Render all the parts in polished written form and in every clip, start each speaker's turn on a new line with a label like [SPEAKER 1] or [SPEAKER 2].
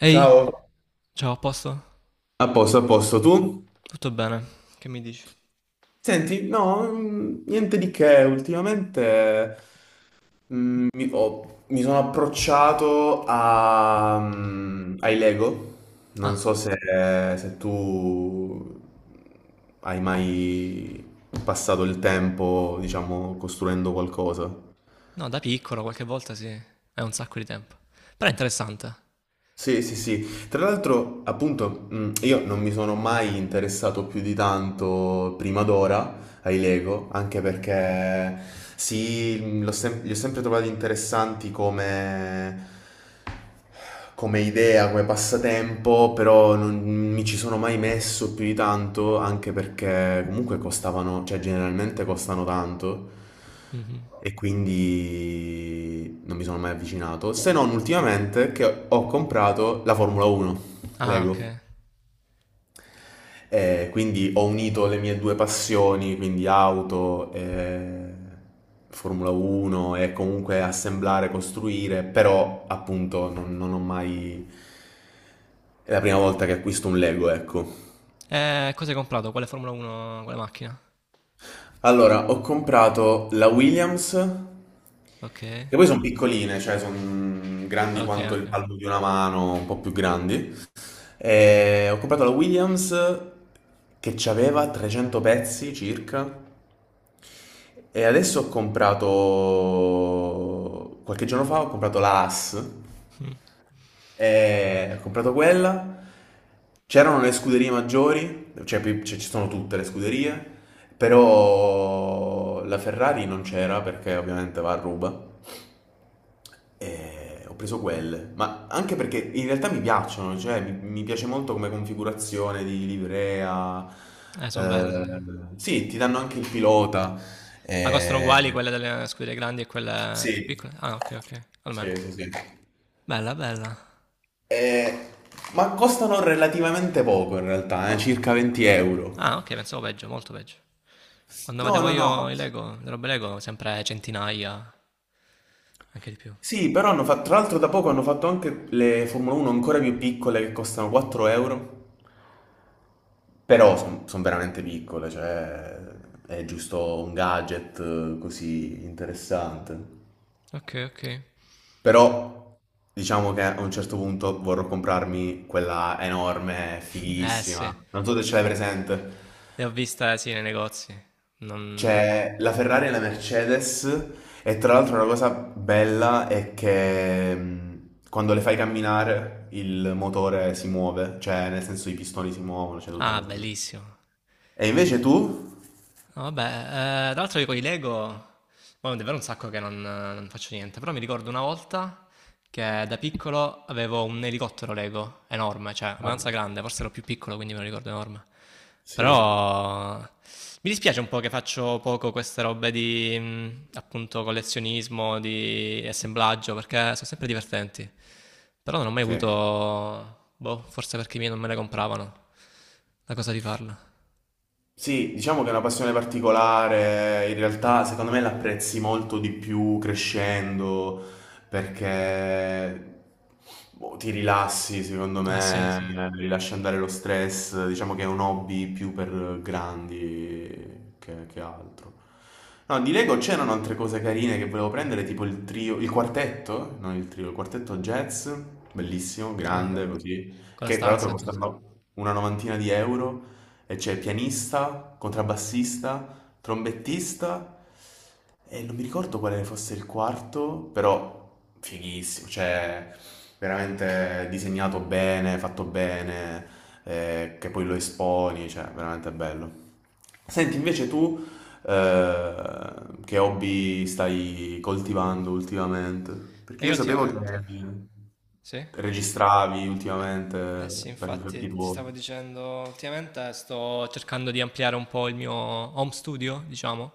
[SPEAKER 1] Ehi,
[SPEAKER 2] Ciao.
[SPEAKER 1] ciao, a posto?
[SPEAKER 2] A posto, tu?
[SPEAKER 1] Tutto bene? Che mi dici?
[SPEAKER 2] Senti, no, niente di che, ultimamente mi sono approcciato a, ai Lego, non
[SPEAKER 1] Ah,
[SPEAKER 2] so se, se tu hai mai passato il tempo, diciamo, costruendo qualcosa.
[SPEAKER 1] no, da piccolo qualche volta sì, è un sacco di tempo. Però è interessante.
[SPEAKER 2] Sì, sì, sì. Tra l'altro, appunto, io non mi sono mai interessato più di tanto prima d'ora ai Lego, anche perché sì, li ho sempre trovati interessanti come idea, come passatempo, però non mi ci sono mai messo più di tanto, anche perché comunque costavano, cioè generalmente costano tanto
[SPEAKER 1] Mhm.
[SPEAKER 2] e quindi non mi sono mai avvicinato, se non ultimamente che ho comprato la Formula 1
[SPEAKER 1] Ah, ok.
[SPEAKER 2] Lego. E quindi ho unito le mie due passioni, quindi auto e Formula 1 e comunque assemblare, costruire, però appunto non ho mai... È la prima volta che acquisto un Lego, ecco.
[SPEAKER 1] Cosa hai comprato? Quale Formula 1, quale macchina?
[SPEAKER 2] Allora, ho comprato la Williams,
[SPEAKER 1] Ok,
[SPEAKER 2] che poi sono piccoline, cioè sono grandi
[SPEAKER 1] ok,
[SPEAKER 2] quanto il
[SPEAKER 1] ok.
[SPEAKER 2] palmo di una mano, un po' più grandi. E ho comprato la Williams che aveva 300 pezzi circa. E adesso ho comprato, qualche giorno fa, ho comprato la AS, e ho comprato quella, c'erano le scuderie maggiori, cioè, ci sono tutte le scuderie, però la Ferrari non c'era perché ovviamente va a ruba, e ho preso quelle, ma anche perché in realtà mi piacciono, cioè mi piace molto come configurazione di livrea,
[SPEAKER 1] Sono belle.
[SPEAKER 2] eh,
[SPEAKER 1] Sì.
[SPEAKER 2] sì, ti danno anche il pilota.
[SPEAKER 1] Ma costano
[SPEAKER 2] Eh,
[SPEAKER 1] uguali quelle delle scuderie grandi e quelle più
[SPEAKER 2] Sì,
[SPEAKER 1] piccole? Ah, ok, ok, almeno.
[SPEAKER 2] sì, sì, sì.
[SPEAKER 1] Bella, bella.
[SPEAKER 2] Eh, ma costano relativamente poco in realtà, circa 20 euro.
[SPEAKER 1] Ah, ok, pensavo peggio, molto peggio. Quando
[SPEAKER 2] No,
[SPEAKER 1] vedevo
[SPEAKER 2] no,
[SPEAKER 1] io
[SPEAKER 2] no.
[SPEAKER 1] i Lego, le robe Lego, sempre centinaia, anche di più.
[SPEAKER 2] Sì, però hanno fatto, tra l'altro da poco hanno fatto anche le Formula 1 ancora più piccole che costano 4 euro. Però sono veramente piccole, cioè è giusto un gadget così interessante.
[SPEAKER 1] Ok, ok.
[SPEAKER 2] Però diciamo che a un certo punto vorrò comprarmi quella enorme,
[SPEAKER 1] Eh sì.
[SPEAKER 2] fighissima. Non so se ce l'hai presente.
[SPEAKER 1] Le ho viste, sì, nei negozi. Non...
[SPEAKER 2] C'è la Ferrari e la Mercedes e tra l'altro una cosa bella è che quando le fai camminare il motore si muove, cioè nel senso i pistoni si muovono, c'è tutta una
[SPEAKER 1] Ah,
[SPEAKER 2] cosa figa.
[SPEAKER 1] bellissimo.
[SPEAKER 2] E invece tu?
[SPEAKER 1] No, vabbè, tra l'altro io con i Lego, poi è davvero un sacco che non faccio niente, però mi ricordo una volta che da piccolo avevo un elicottero Lego enorme, cioè abbastanza
[SPEAKER 2] Guarda.
[SPEAKER 1] grande, forse ero più piccolo quindi me lo ricordo enorme.
[SPEAKER 2] Sì.
[SPEAKER 1] Però mi dispiace un po' che faccio poco queste robe di appunto collezionismo, di assemblaggio, perché sono sempre divertenti. Però non ho mai
[SPEAKER 2] Sì.
[SPEAKER 1] avuto, boh, forse perché i miei non me le compravano, la cosa di farla.
[SPEAKER 2] Sì, diciamo che è una passione particolare, in realtà secondo me l'apprezzi molto di più crescendo perché boh, ti rilassi, secondo
[SPEAKER 1] Ah sì, sì.
[SPEAKER 2] me, rilasci andare lo stress, diciamo che è un hobby più per grandi che altro. No, di Lego c'erano altre cose carine che volevo prendere, tipo il trio, il quartetto, non il trio, il quartetto jazz, bellissimo,
[SPEAKER 1] Ah.
[SPEAKER 2] grande così,
[SPEAKER 1] Con la
[SPEAKER 2] che tra l'altro
[SPEAKER 1] stanza e tutto.
[SPEAKER 2] costano una novantina di euro. E c'è pianista, contrabbassista, trombettista e non mi ricordo quale fosse il quarto, però fighissimo, cioè veramente disegnato bene, fatto bene, che poi lo esponi, cioè veramente bello. Senti, invece tu eh, che hobby stai coltivando ultimamente?
[SPEAKER 1] E
[SPEAKER 2] Perché
[SPEAKER 1] io
[SPEAKER 2] io sapevo che
[SPEAKER 1] ultimamente... Sì?
[SPEAKER 2] registravi ultimamente
[SPEAKER 1] Eh sì,
[SPEAKER 2] per i
[SPEAKER 1] infatti
[SPEAKER 2] fatti
[SPEAKER 1] ti stavo
[SPEAKER 2] tuoi.
[SPEAKER 1] dicendo, ultimamente sto cercando di ampliare un po' il mio home studio, diciamo.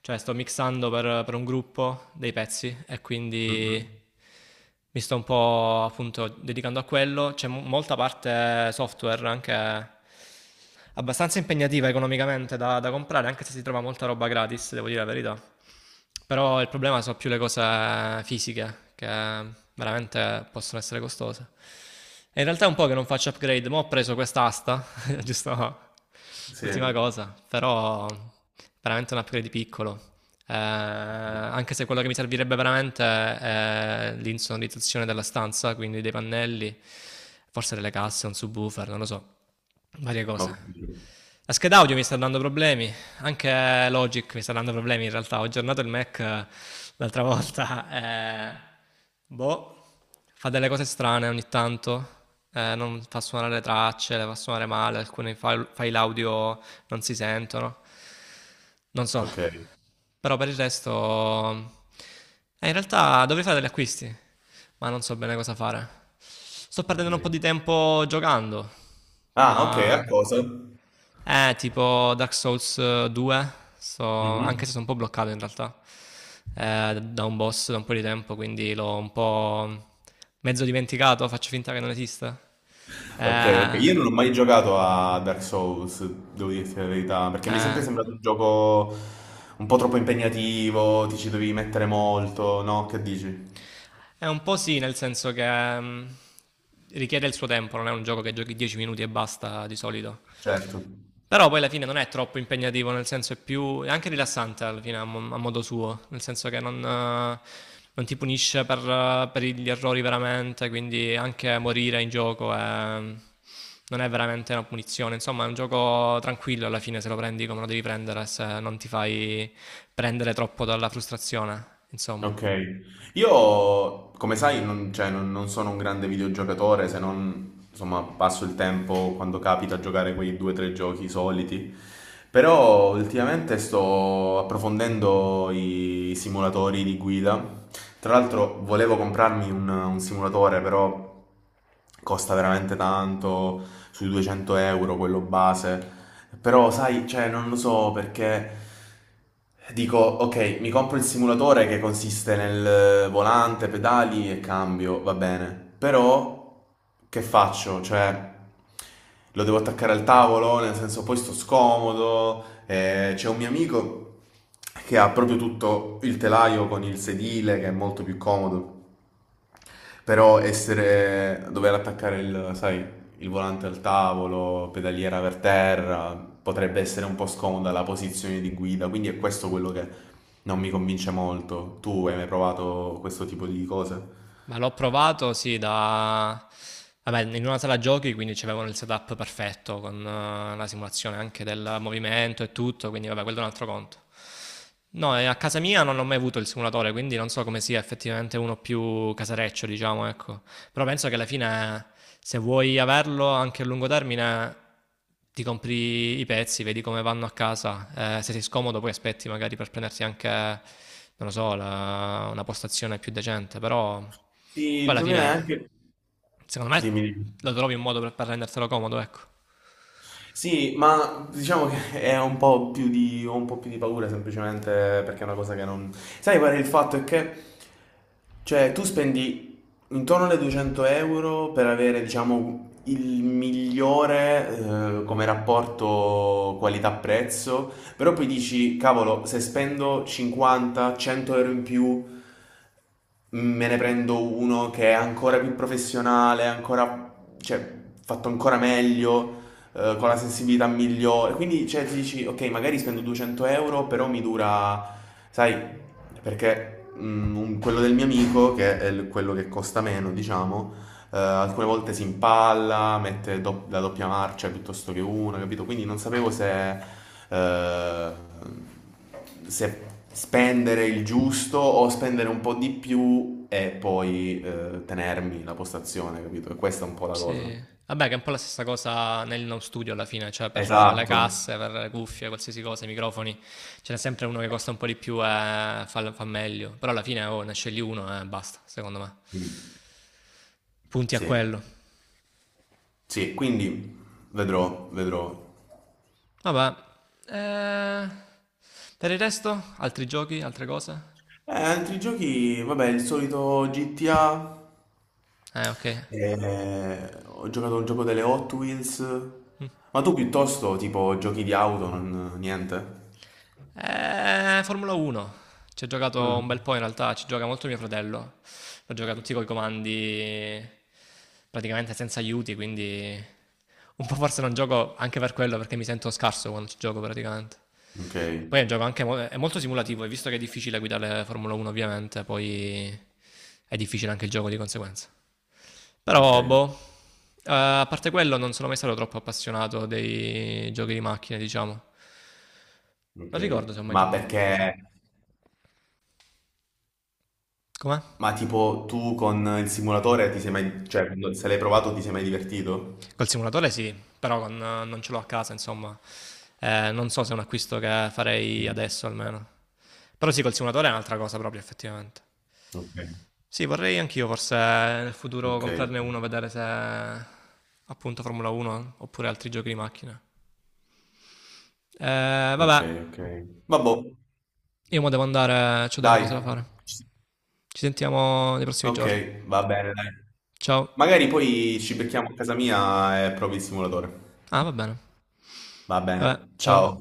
[SPEAKER 1] Cioè sto mixando per un gruppo dei pezzi e
[SPEAKER 2] Mhm.
[SPEAKER 1] quindi mi sto un po' appunto dedicando a quello. C'è mo- molta parte software anche abbastanza impegnativa economicamente da comprare, anche se si trova molta roba gratis, devo dire la verità. Però il problema sono più le cose fisiche, che veramente possono essere costose. E in realtà è un po' che non faccio upgrade, ma ho preso quest'asta, giusto
[SPEAKER 2] Sì.
[SPEAKER 1] ultima cosa, però veramente un upgrade piccolo. Anche se quello che mi servirebbe veramente è l'insonorizzazione della stanza, quindi dei pannelli, forse delle casse, un subwoofer, non lo so, varie
[SPEAKER 2] Ho
[SPEAKER 1] cose.
[SPEAKER 2] capito.
[SPEAKER 1] La scheda audio mi sta dando problemi, anche Logic mi sta dando problemi in realtà. Ho aggiornato il Mac l'altra volta. Eh, boh, fa delle cose strane ogni tanto. Non fa suonare le tracce, le fa suonare male. Alcuni file audio non si sentono. Non so.
[SPEAKER 2] Ok,
[SPEAKER 1] Però per il resto... in realtà dovrei fare degli acquisti, ma non so bene cosa fare. Sto perdendo un po'
[SPEAKER 2] ok.
[SPEAKER 1] di tempo giocando,
[SPEAKER 2] Ah, ok, a
[SPEAKER 1] ma...
[SPEAKER 2] cosa?
[SPEAKER 1] Tipo Dark Souls 2, so- anche se
[SPEAKER 2] Mhm.
[SPEAKER 1] sono un po' bloccato in realtà da un boss da un po' di tempo, quindi l'ho un po' mezzo dimenticato, faccio finta che non esista.
[SPEAKER 2] Ok, ok.
[SPEAKER 1] Eh,
[SPEAKER 2] Io non ho mai giocato a Dark Souls, devo dirti la verità, perché mi è sempre
[SPEAKER 1] eh,
[SPEAKER 2] sembrato un gioco un po' troppo impegnativo, ti ci dovevi mettere molto, no? Che dici?
[SPEAKER 1] è un po' sì, nel senso che richiede il suo tempo, non è un gioco che giochi 10 minuti e basta di solito.
[SPEAKER 2] Certo.
[SPEAKER 1] Però poi alla fine non è troppo impegnativo, nel senso è più... è anche rilassante alla fine mo- a modo suo, nel senso che non, non ti punisce per gli errori veramente, quindi anche morire in gioco è- non è veramente una punizione, insomma è un gioco tranquillo alla fine se lo prendi come lo devi prendere, se non ti fai prendere troppo dalla frustrazione, insomma.
[SPEAKER 2] Ok, io come sai non, cioè, non sono un grande videogiocatore se non insomma passo il tempo quando capita a giocare quei due o tre giochi soliti, però ultimamente sto approfondendo i simulatori di guida, tra l'altro volevo comprarmi un simulatore però costa veramente tanto, sui 200 euro, quello base. Però, sai, cioè, non lo so perché dico, ok, mi compro il simulatore che consiste nel volante, pedali e cambio, va bene. Però, che faccio? Cioè, lo devo attaccare al tavolo, nel senso, poi sto scomodo. C'è un mio amico che ha proprio tutto il telaio con il sedile, che è molto più comodo. Però essere, dover attaccare il, sai, il volante al tavolo, pedaliera per terra, potrebbe essere un po' scomoda la posizione di guida, quindi è questo quello che non mi convince molto. Tu hai mai provato questo tipo di cose?
[SPEAKER 1] Ma l'ho provato, sì, da... Vabbè, in una sala giochi, quindi c'avevano il setup perfetto, con la simulazione anche del movimento e tutto, quindi vabbè, quello è un altro conto. No, e a casa mia non ho mai avuto il simulatore, quindi non so come sia effettivamente uno più casareccio, diciamo, ecco. Però penso che alla fine se vuoi averlo anche a lungo termine, ti compri i pezzi, vedi come vanno a casa. Se sei scomodo, poi aspetti magari per prenderti anche, non lo so, la- una postazione più decente. Però
[SPEAKER 2] Sì, il
[SPEAKER 1] poi alla
[SPEAKER 2] problema è
[SPEAKER 1] fine,
[SPEAKER 2] anche...
[SPEAKER 1] secondo me,
[SPEAKER 2] Dimmi. Dimmi.
[SPEAKER 1] lo trovi un modo per rendertelo comodo, ecco.
[SPEAKER 2] Sì, ma diciamo che è un po' più di, ho un po' più di paura semplicemente perché è una cosa che non... Sai qual è il fatto? È che, cioè, tu spendi intorno alle 200 euro per avere, diciamo, il migliore, come rapporto qualità-prezzo, però poi dici, cavolo, se spendo 50-100 euro in più me ne prendo uno che è ancora più professionale, ancora, cioè, fatto ancora meglio, con la sensibilità migliore. Quindi, cioè, ti dici, ok, magari spendo 200 euro, però mi dura, sai, perché quello del mio amico, che è quello che costa meno, diciamo, alcune volte si impalla, mette la doppia marcia piuttosto che una, capito? Quindi non sapevo se, eh, se spendere il giusto o spendere un po' di più e poi tenermi la postazione, capito? E questa è un po' la cosa.
[SPEAKER 1] Sì. Vabbè, che è un po' la stessa cosa nel home studio alla fine, cioè per le
[SPEAKER 2] Esatto.
[SPEAKER 1] casse, per le cuffie, qualsiasi cosa, i microfoni. Ce n'è sempre uno che costa un po' di più e fa meglio. Però alla fine oh, ne scegli uno e basta, secondo me.
[SPEAKER 2] Mm.
[SPEAKER 1] Punti a
[SPEAKER 2] Sì.
[SPEAKER 1] quello.
[SPEAKER 2] Sì, quindi vedrò, vedrò.
[SPEAKER 1] Vabbè. Eh, per il resto, altri giochi, altre cose?
[SPEAKER 2] Altri giochi, vabbè, il solito GTA.
[SPEAKER 1] Ok.
[SPEAKER 2] Ho giocato a un gioco delle Hot Wheels.
[SPEAKER 1] Mm.
[SPEAKER 2] Ma tu piuttosto, tipo, giochi di auto, niente?
[SPEAKER 1] Formula 1. Ci ho giocato un
[SPEAKER 2] Mm.
[SPEAKER 1] bel po' in realtà, ci gioca molto mio fratello. L'ho giocato tutti coi comandi praticamente senza aiuti, quindi un po' forse non gioco anche per quello perché mi sento scarso quando ci gioco praticamente.
[SPEAKER 2] Ok,
[SPEAKER 1] Poi è un gioco anche mo- è molto simulativo e visto che è difficile guidare Formula 1 ovviamente, poi è difficile anche il gioco di conseguenza.
[SPEAKER 2] ok,
[SPEAKER 1] Però, boh, a parte quello non sono mai stato troppo appassionato dei giochi di macchine, diciamo. Non ricordo se ho
[SPEAKER 2] ok.
[SPEAKER 1] mai
[SPEAKER 2] Ma
[SPEAKER 1] giocato a qualcosa.
[SPEAKER 2] perché...
[SPEAKER 1] Com'è?
[SPEAKER 2] Ma tipo, tu con il simulatore ti sei mai... Cioè, se l'hai provato ti sei mai divertito?
[SPEAKER 1] Col simulatore sì, però con- non ce l'ho a casa, insomma. Non so se è un acquisto che farei
[SPEAKER 2] Mm.
[SPEAKER 1] adesso almeno. Però sì, col simulatore è un'altra cosa proprio, effettivamente.
[SPEAKER 2] Ok,
[SPEAKER 1] Sì, vorrei anch'io forse nel futuro
[SPEAKER 2] ok,
[SPEAKER 1] comprarne uno, vedere se appunto Formula 1 oppure altri giochi di macchina.
[SPEAKER 2] ok,
[SPEAKER 1] Vabbè,
[SPEAKER 2] ok. Ok. Vabbò,
[SPEAKER 1] io mo devo andare, ho delle cose da
[SPEAKER 2] dai.
[SPEAKER 1] fare. Ci sentiamo nei prossimi
[SPEAKER 2] Ok,
[SPEAKER 1] giorni.
[SPEAKER 2] va bene, dai.
[SPEAKER 1] Ciao.
[SPEAKER 2] Magari poi ci becchiamo a casa mia e provi il simulatore.
[SPEAKER 1] Ah, va bene.
[SPEAKER 2] Va bene,
[SPEAKER 1] Vabbè, ciao.
[SPEAKER 2] ciao.